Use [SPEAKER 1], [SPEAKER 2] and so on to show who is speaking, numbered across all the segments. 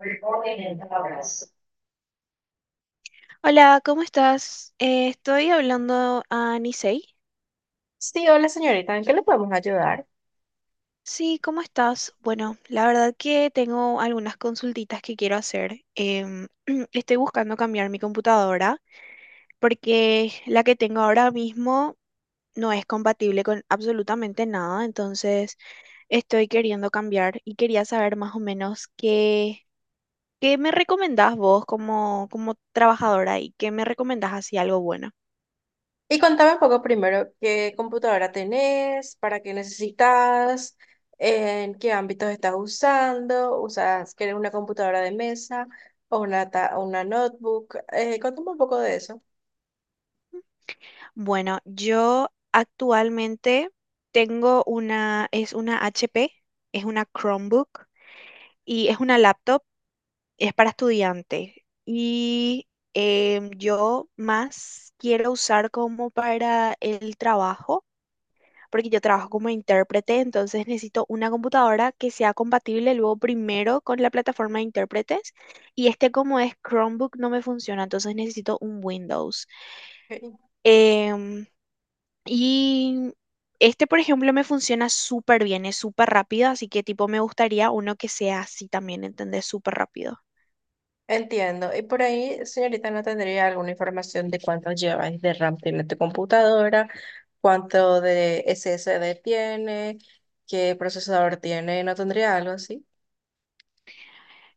[SPEAKER 1] Recording in progress.
[SPEAKER 2] Hola, ¿cómo estás? Estoy hablando a Nisei.
[SPEAKER 1] Sí, hola señorita, ¿en qué le podemos ayudar?
[SPEAKER 2] Sí, ¿cómo estás? Bueno, la verdad que tengo algunas consultitas que quiero hacer. Estoy buscando cambiar mi computadora porque la que tengo ahora mismo no es compatible con absolutamente nada, entonces estoy queriendo cambiar y quería saber más o menos qué me recomendás vos como trabajadora y qué me recomendás así algo bueno.
[SPEAKER 1] Y contame un poco primero qué computadora tenés, para qué necesitas, en qué ámbitos estás usando, usas, ¿quieres una computadora de mesa o una, o una notebook? Contame un poco de eso.
[SPEAKER 2] Bueno, yo actualmente es una HP, es una Chromebook y es una laptop, es para estudiante. Y yo más quiero usar como para el trabajo, porque yo trabajo como intérprete, entonces necesito una computadora que sea compatible luego primero con la plataforma de intérpretes. Y este como es Chromebook no me funciona, entonces necesito un Windows.
[SPEAKER 1] Ok.
[SPEAKER 2] Em, Y este, por ejemplo, me funciona súper bien, es súper rápido, así que tipo me gustaría uno que sea así también, ¿entendés? Súper rápido.
[SPEAKER 1] Entiendo. Y por ahí, señorita, ¿no tendría alguna información de cuánto lleváis de RAM tiene tu computadora, cuánto de SSD tiene, qué procesador tiene? ¿No tendría algo así?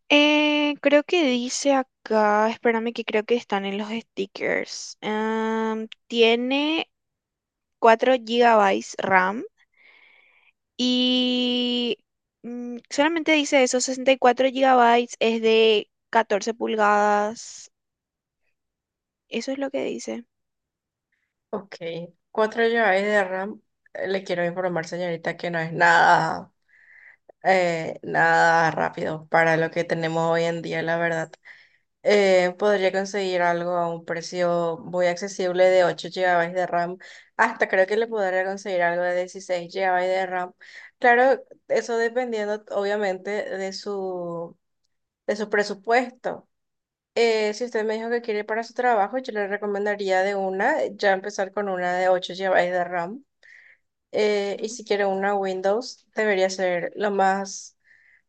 [SPEAKER 2] Creo que dice acá, espérame que creo que están en los stickers. Am, tiene 4 GB RAM y solamente dice eso, 64 GB es de 14 pulgadas. Eso es lo que dice.
[SPEAKER 1] Ok, 4 GB de RAM. Le quiero informar, señorita, que no es nada, nada rápido para lo que tenemos hoy en día, la verdad. Podría conseguir algo a un precio muy accesible de 8 GB de RAM. Hasta creo que le podría conseguir algo de 16 GB de RAM. Claro, eso dependiendo, obviamente, de su presupuesto. Si usted me dijo que quiere para su trabajo, yo le recomendaría de una, ya empezar con una de 8 GB de RAM. Y
[SPEAKER 2] Mm,
[SPEAKER 1] si quiere una Windows, debería ser lo más,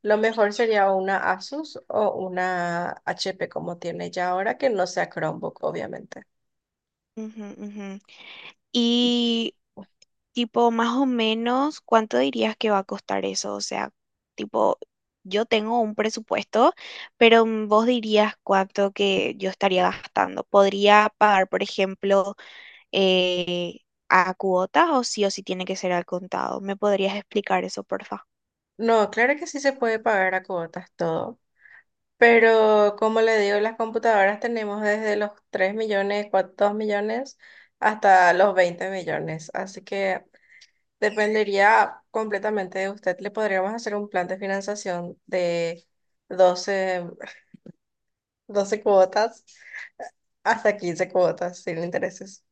[SPEAKER 1] lo mejor sería una Asus o una HP como tiene ya ahora, que no sea Chromebook, obviamente.
[SPEAKER 2] ujú, ujú. Y Tipo, más o menos, ¿cuánto dirías que va a costar eso? O sea, tipo, yo tengo un presupuesto, pero vos dirías cuánto que yo estaría gastando. ¿Podría pagar, por ejemplo, eh, a cuotas o sí tiene que ser al contado? ¿Me podrías explicar eso, porfa?
[SPEAKER 1] No, claro que sí se puede pagar a cuotas todo, pero como le digo, las computadoras tenemos desde los 3 millones, 4, 2 millones hasta los 20 millones, así que dependería completamente de usted. Le podríamos hacer un plan de financiación de 12 12 cuotas hasta 15 cuotas sin intereses.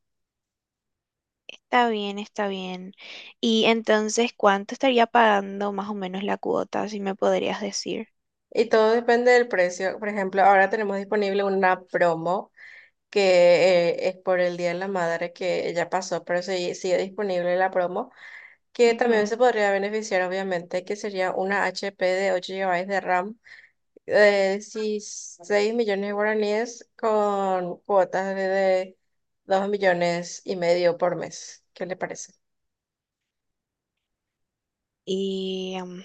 [SPEAKER 2] Está bien, está bien. Y entonces, ¿cuánto estaría pagando más o menos la cuota, si me podrías decir?
[SPEAKER 1] Y todo depende del precio. Por ejemplo, ahora tenemos disponible una promo que es por el Día de la Madre que ya pasó, pero sigue disponible la promo, que también
[SPEAKER 2] Ujú.
[SPEAKER 1] se podría beneficiar, obviamente, que sería una HP de 8 GB de RAM, sí, 6 millones de guaraníes con cuotas de 2 millones y medio por mes. ¿Qué le parece?
[SPEAKER 2] Y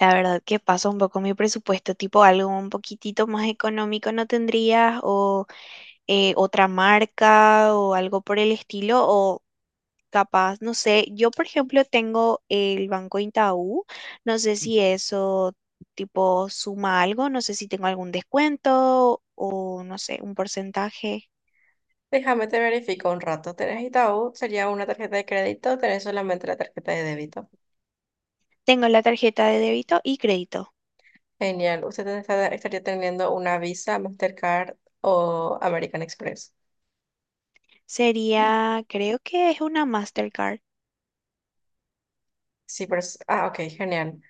[SPEAKER 2] la verdad que pasa un poco mi presupuesto, tipo algo un poquitito más económico no tendrías, o otra marca, o algo por el estilo, o capaz, no sé, yo por ejemplo tengo el Banco Itaú, no sé si eso tipo suma algo, no sé si tengo algún descuento o no sé, un porcentaje.
[SPEAKER 1] Déjame te verifico un rato. ¿Tenés Itaú? ¿Sería una tarjeta de crédito? ¿Tenés solamente la tarjeta de débito?
[SPEAKER 2] Tengo la tarjeta de débito y crédito.
[SPEAKER 1] Genial. ¿Usted estaría teniendo una Visa, Mastercard o American Express?
[SPEAKER 2] Sería, creo que es una Mastercard.
[SPEAKER 1] Sí, pero... Ah, ok, genial.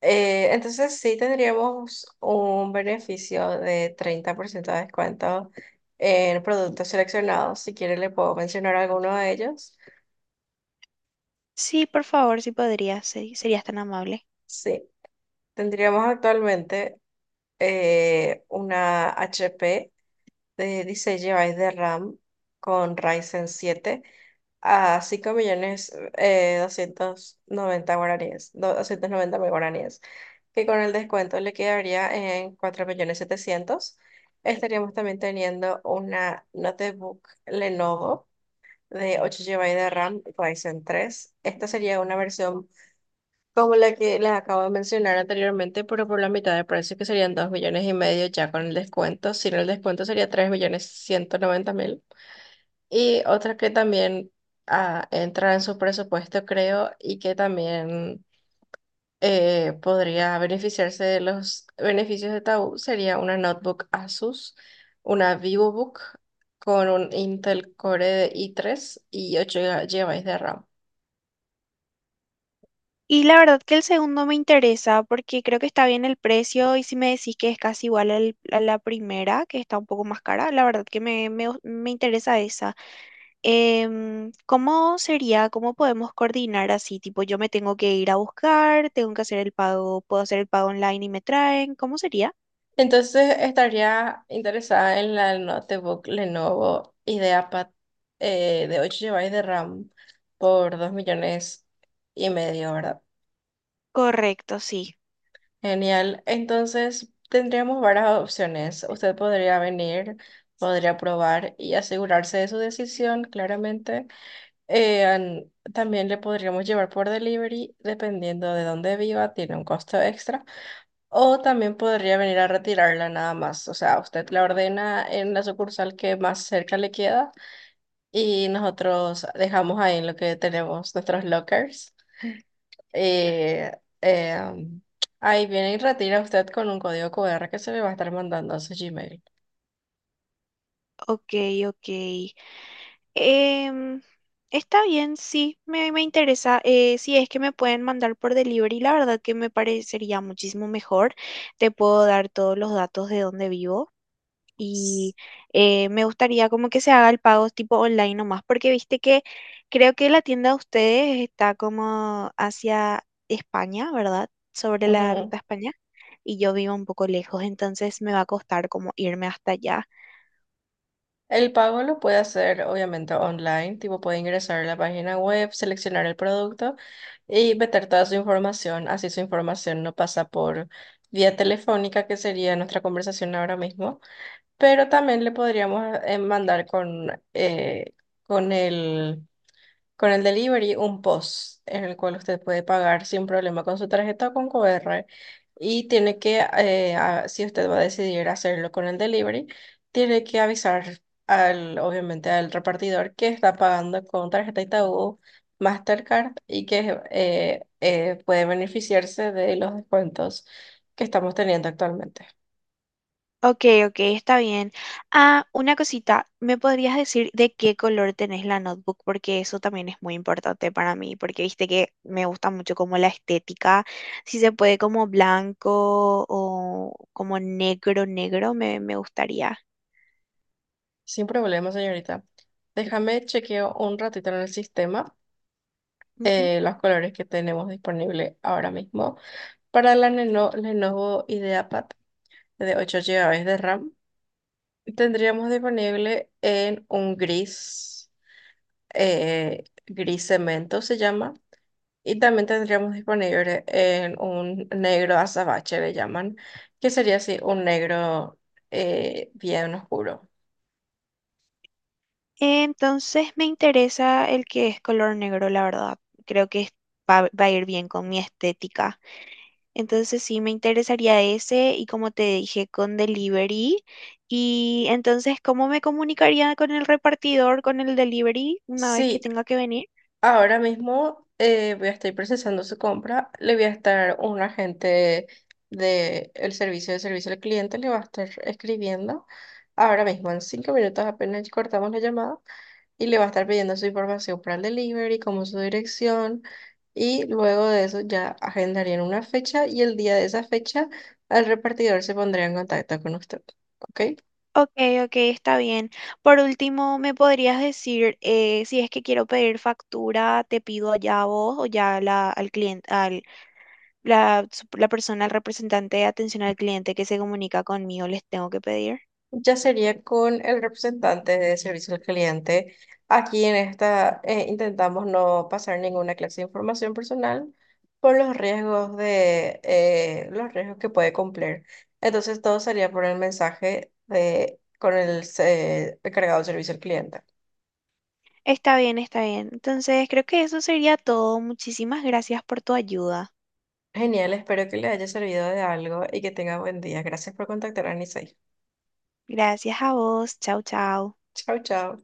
[SPEAKER 1] Entonces sí tendríamos un beneficio de 30% de descuento en productos seleccionados. Si quiere le puedo mencionar alguno de ellos.
[SPEAKER 2] Sí, por favor, si podría, sí, serías tan amable.
[SPEAKER 1] Sí, tendríamos actualmente una HP de 16 GB de RAM con Ryzen 7, a 5 millones 290 guaraníes, 290.000 guaraníes, que con el descuento le quedaría en 4 millones setecientos. Estaríamos también teniendo una notebook Lenovo de 8 GB de RAM Ryzen 3. Esta sería una versión como la que les acabo de mencionar anteriormente, pero por la mitad de precio, que serían 2 millones y medio ya con el descuento. Sin el descuento sería 3 millones ciento noventa. Y otra que también, ah, entra en su presupuesto, creo, y que también podría beneficiarse de los beneficios de Tabú, sería una notebook Asus, una VivoBook con un Intel Core de i3 y 8 GB de RAM.
[SPEAKER 2] Y la verdad que el segundo me interesa porque creo que está bien el precio y si me decís que es casi igual a la primera, que está un poco más cara, la verdad que me interesa esa. Em, ¿cómo sería? ¿Cómo podemos coordinar así? Tipo, yo me tengo que ir a buscar, tengo que hacer el pago, puedo hacer el pago online y me traen. ¿Cómo sería?
[SPEAKER 1] Entonces estaría interesada en la notebook Lenovo IdeaPad, de 8 GB de RAM por 2 millones y medio, ¿verdad?
[SPEAKER 2] Correcto, sí.
[SPEAKER 1] Genial. Entonces, tendríamos varias opciones. Usted podría venir, podría probar y asegurarse de su decisión, claramente. También le podríamos llevar por delivery, dependiendo de dónde viva, tiene un costo extra. O también podría venir a retirarla nada más. O sea, usted la ordena en la sucursal que más cerca le queda y nosotros dejamos ahí en lo que tenemos nuestros lockers, eh, eh, ahí viene y retira usted con un código QR que se le va a estar mandando a su Gmail.
[SPEAKER 2] Ok, ok. Em, está bien, sí, me interesa. Si es que me pueden mandar por delivery, la verdad que me parecería muchísimo mejor. Te puedo dar todos los datos de dónde vivo
[SPEAKER 1] S-
[SPEAKER 2] y me gustaría como que se haga el pago tipo online nomás, porque viste que creo que la tienda de ustedes está como hacia España, ¿verdad? Sobre la ruta
[SPEAKER 1] Ujú.
[SPEAKER 2] a España y yo vivo un poco lejos, entonces me va a costar como irme hasta allá.
[SPEAKER 1] El pago lo puede hacer obviamente online, tipo puede ingresar a la página web, seleccionar el producto y meter toda su información, así su información no pasa por vía telefónica, que sería nuestra conversación ahora mismo, pero también le podríamos mandar con el con el delivery, un POS en el cual usted puede pagar sin problema con su tarjeta o con QR. Y tiene que, si usted va a decidir hacerlo con el delivery, tiene que avisar al, obviamente al repartidor que está pagando con tarjeta Itaú, Mastercard y que puede beneficiarse de los descuentos que estamos teniendo actualmente.
[SPEAKER 2] Ok, ok, está bien. Ah, una cosita, ¿me podrías decir de qué color tenés la notebook? Porque eso también es muy importante para mí, porque viste que me gusta mucho como la estética, si se puede como blanco o como negro, negro, me gustaría.
[SPEAKER 1] Sin problema, señorita. Déjame chequeo un ratito en el sistema
[SPEAKER 2] Ujú.
[SPEAKER 1] los colores que tenemos disponible ahora mismo. Para la Lenovo IdeaPad de 8 GB de RAM, tendríamos disponible en un gris, gris cemento se llama, y también tendríamos disponible en un negro azabache, le llaman, que sería así, un negro bien oscuro.
[SPEAKER 2] Entonces me interesa el que es color negro, la verdad. Creo que va, va a ir bien con mi estética. Entonces sí me interesaría ese y como te dije con delivery. Y entonces, ¿cómo me comunicaría con el repartidor, con el delivery, una vez que
[SPEAKER 1] Sí,
[SPEAKER 2] tenga que venir?
[SPEAKER 1] ahora mismo voy a estar procesando su compra, le voy a estar un agente del servicio de servicio al cliente, le va a estar escribiendo ahora mismo en 5 minutos apenas cortamos la llamada y le va a estar pidiendo su información para el delivery, como su dirección, y luego de eso ya agendarían una fecha y el día de esa fecha el repartidor se pondría en contacto con usted, ¿ok?
[SPEAKER 2] Ok, ok, está bien. Por último, ¿me podrías decir si es que quiero pedir factura, te pido allá a vos o ya a al cliente, la persona, el representante de atención al cliente que se comunica conmigo, les tengo que pedir?
[SPEAKER 1] Ya sería con el representante de servicio al cliente. Aquí en esta intentamos no pasar ninguna clase de información personal por los riesgos de los riesgos que puede cumplir. Entonces todo sería por el mensaje de con el encargado de servicio al cliente.
[SPEAKER 2] Está bien, está bien. Entonces, creo que eso sería todo. Muchísimas gracias por tu ayuda.
[SPEAKER 1] Genial, espero que le haya servido de algo y que tenga buen día. Gracias por contactar a Nisei.
[SPEAKER 2] Gracias a vos. Chau, chau.
[SPEAKER 1] Chao, chao.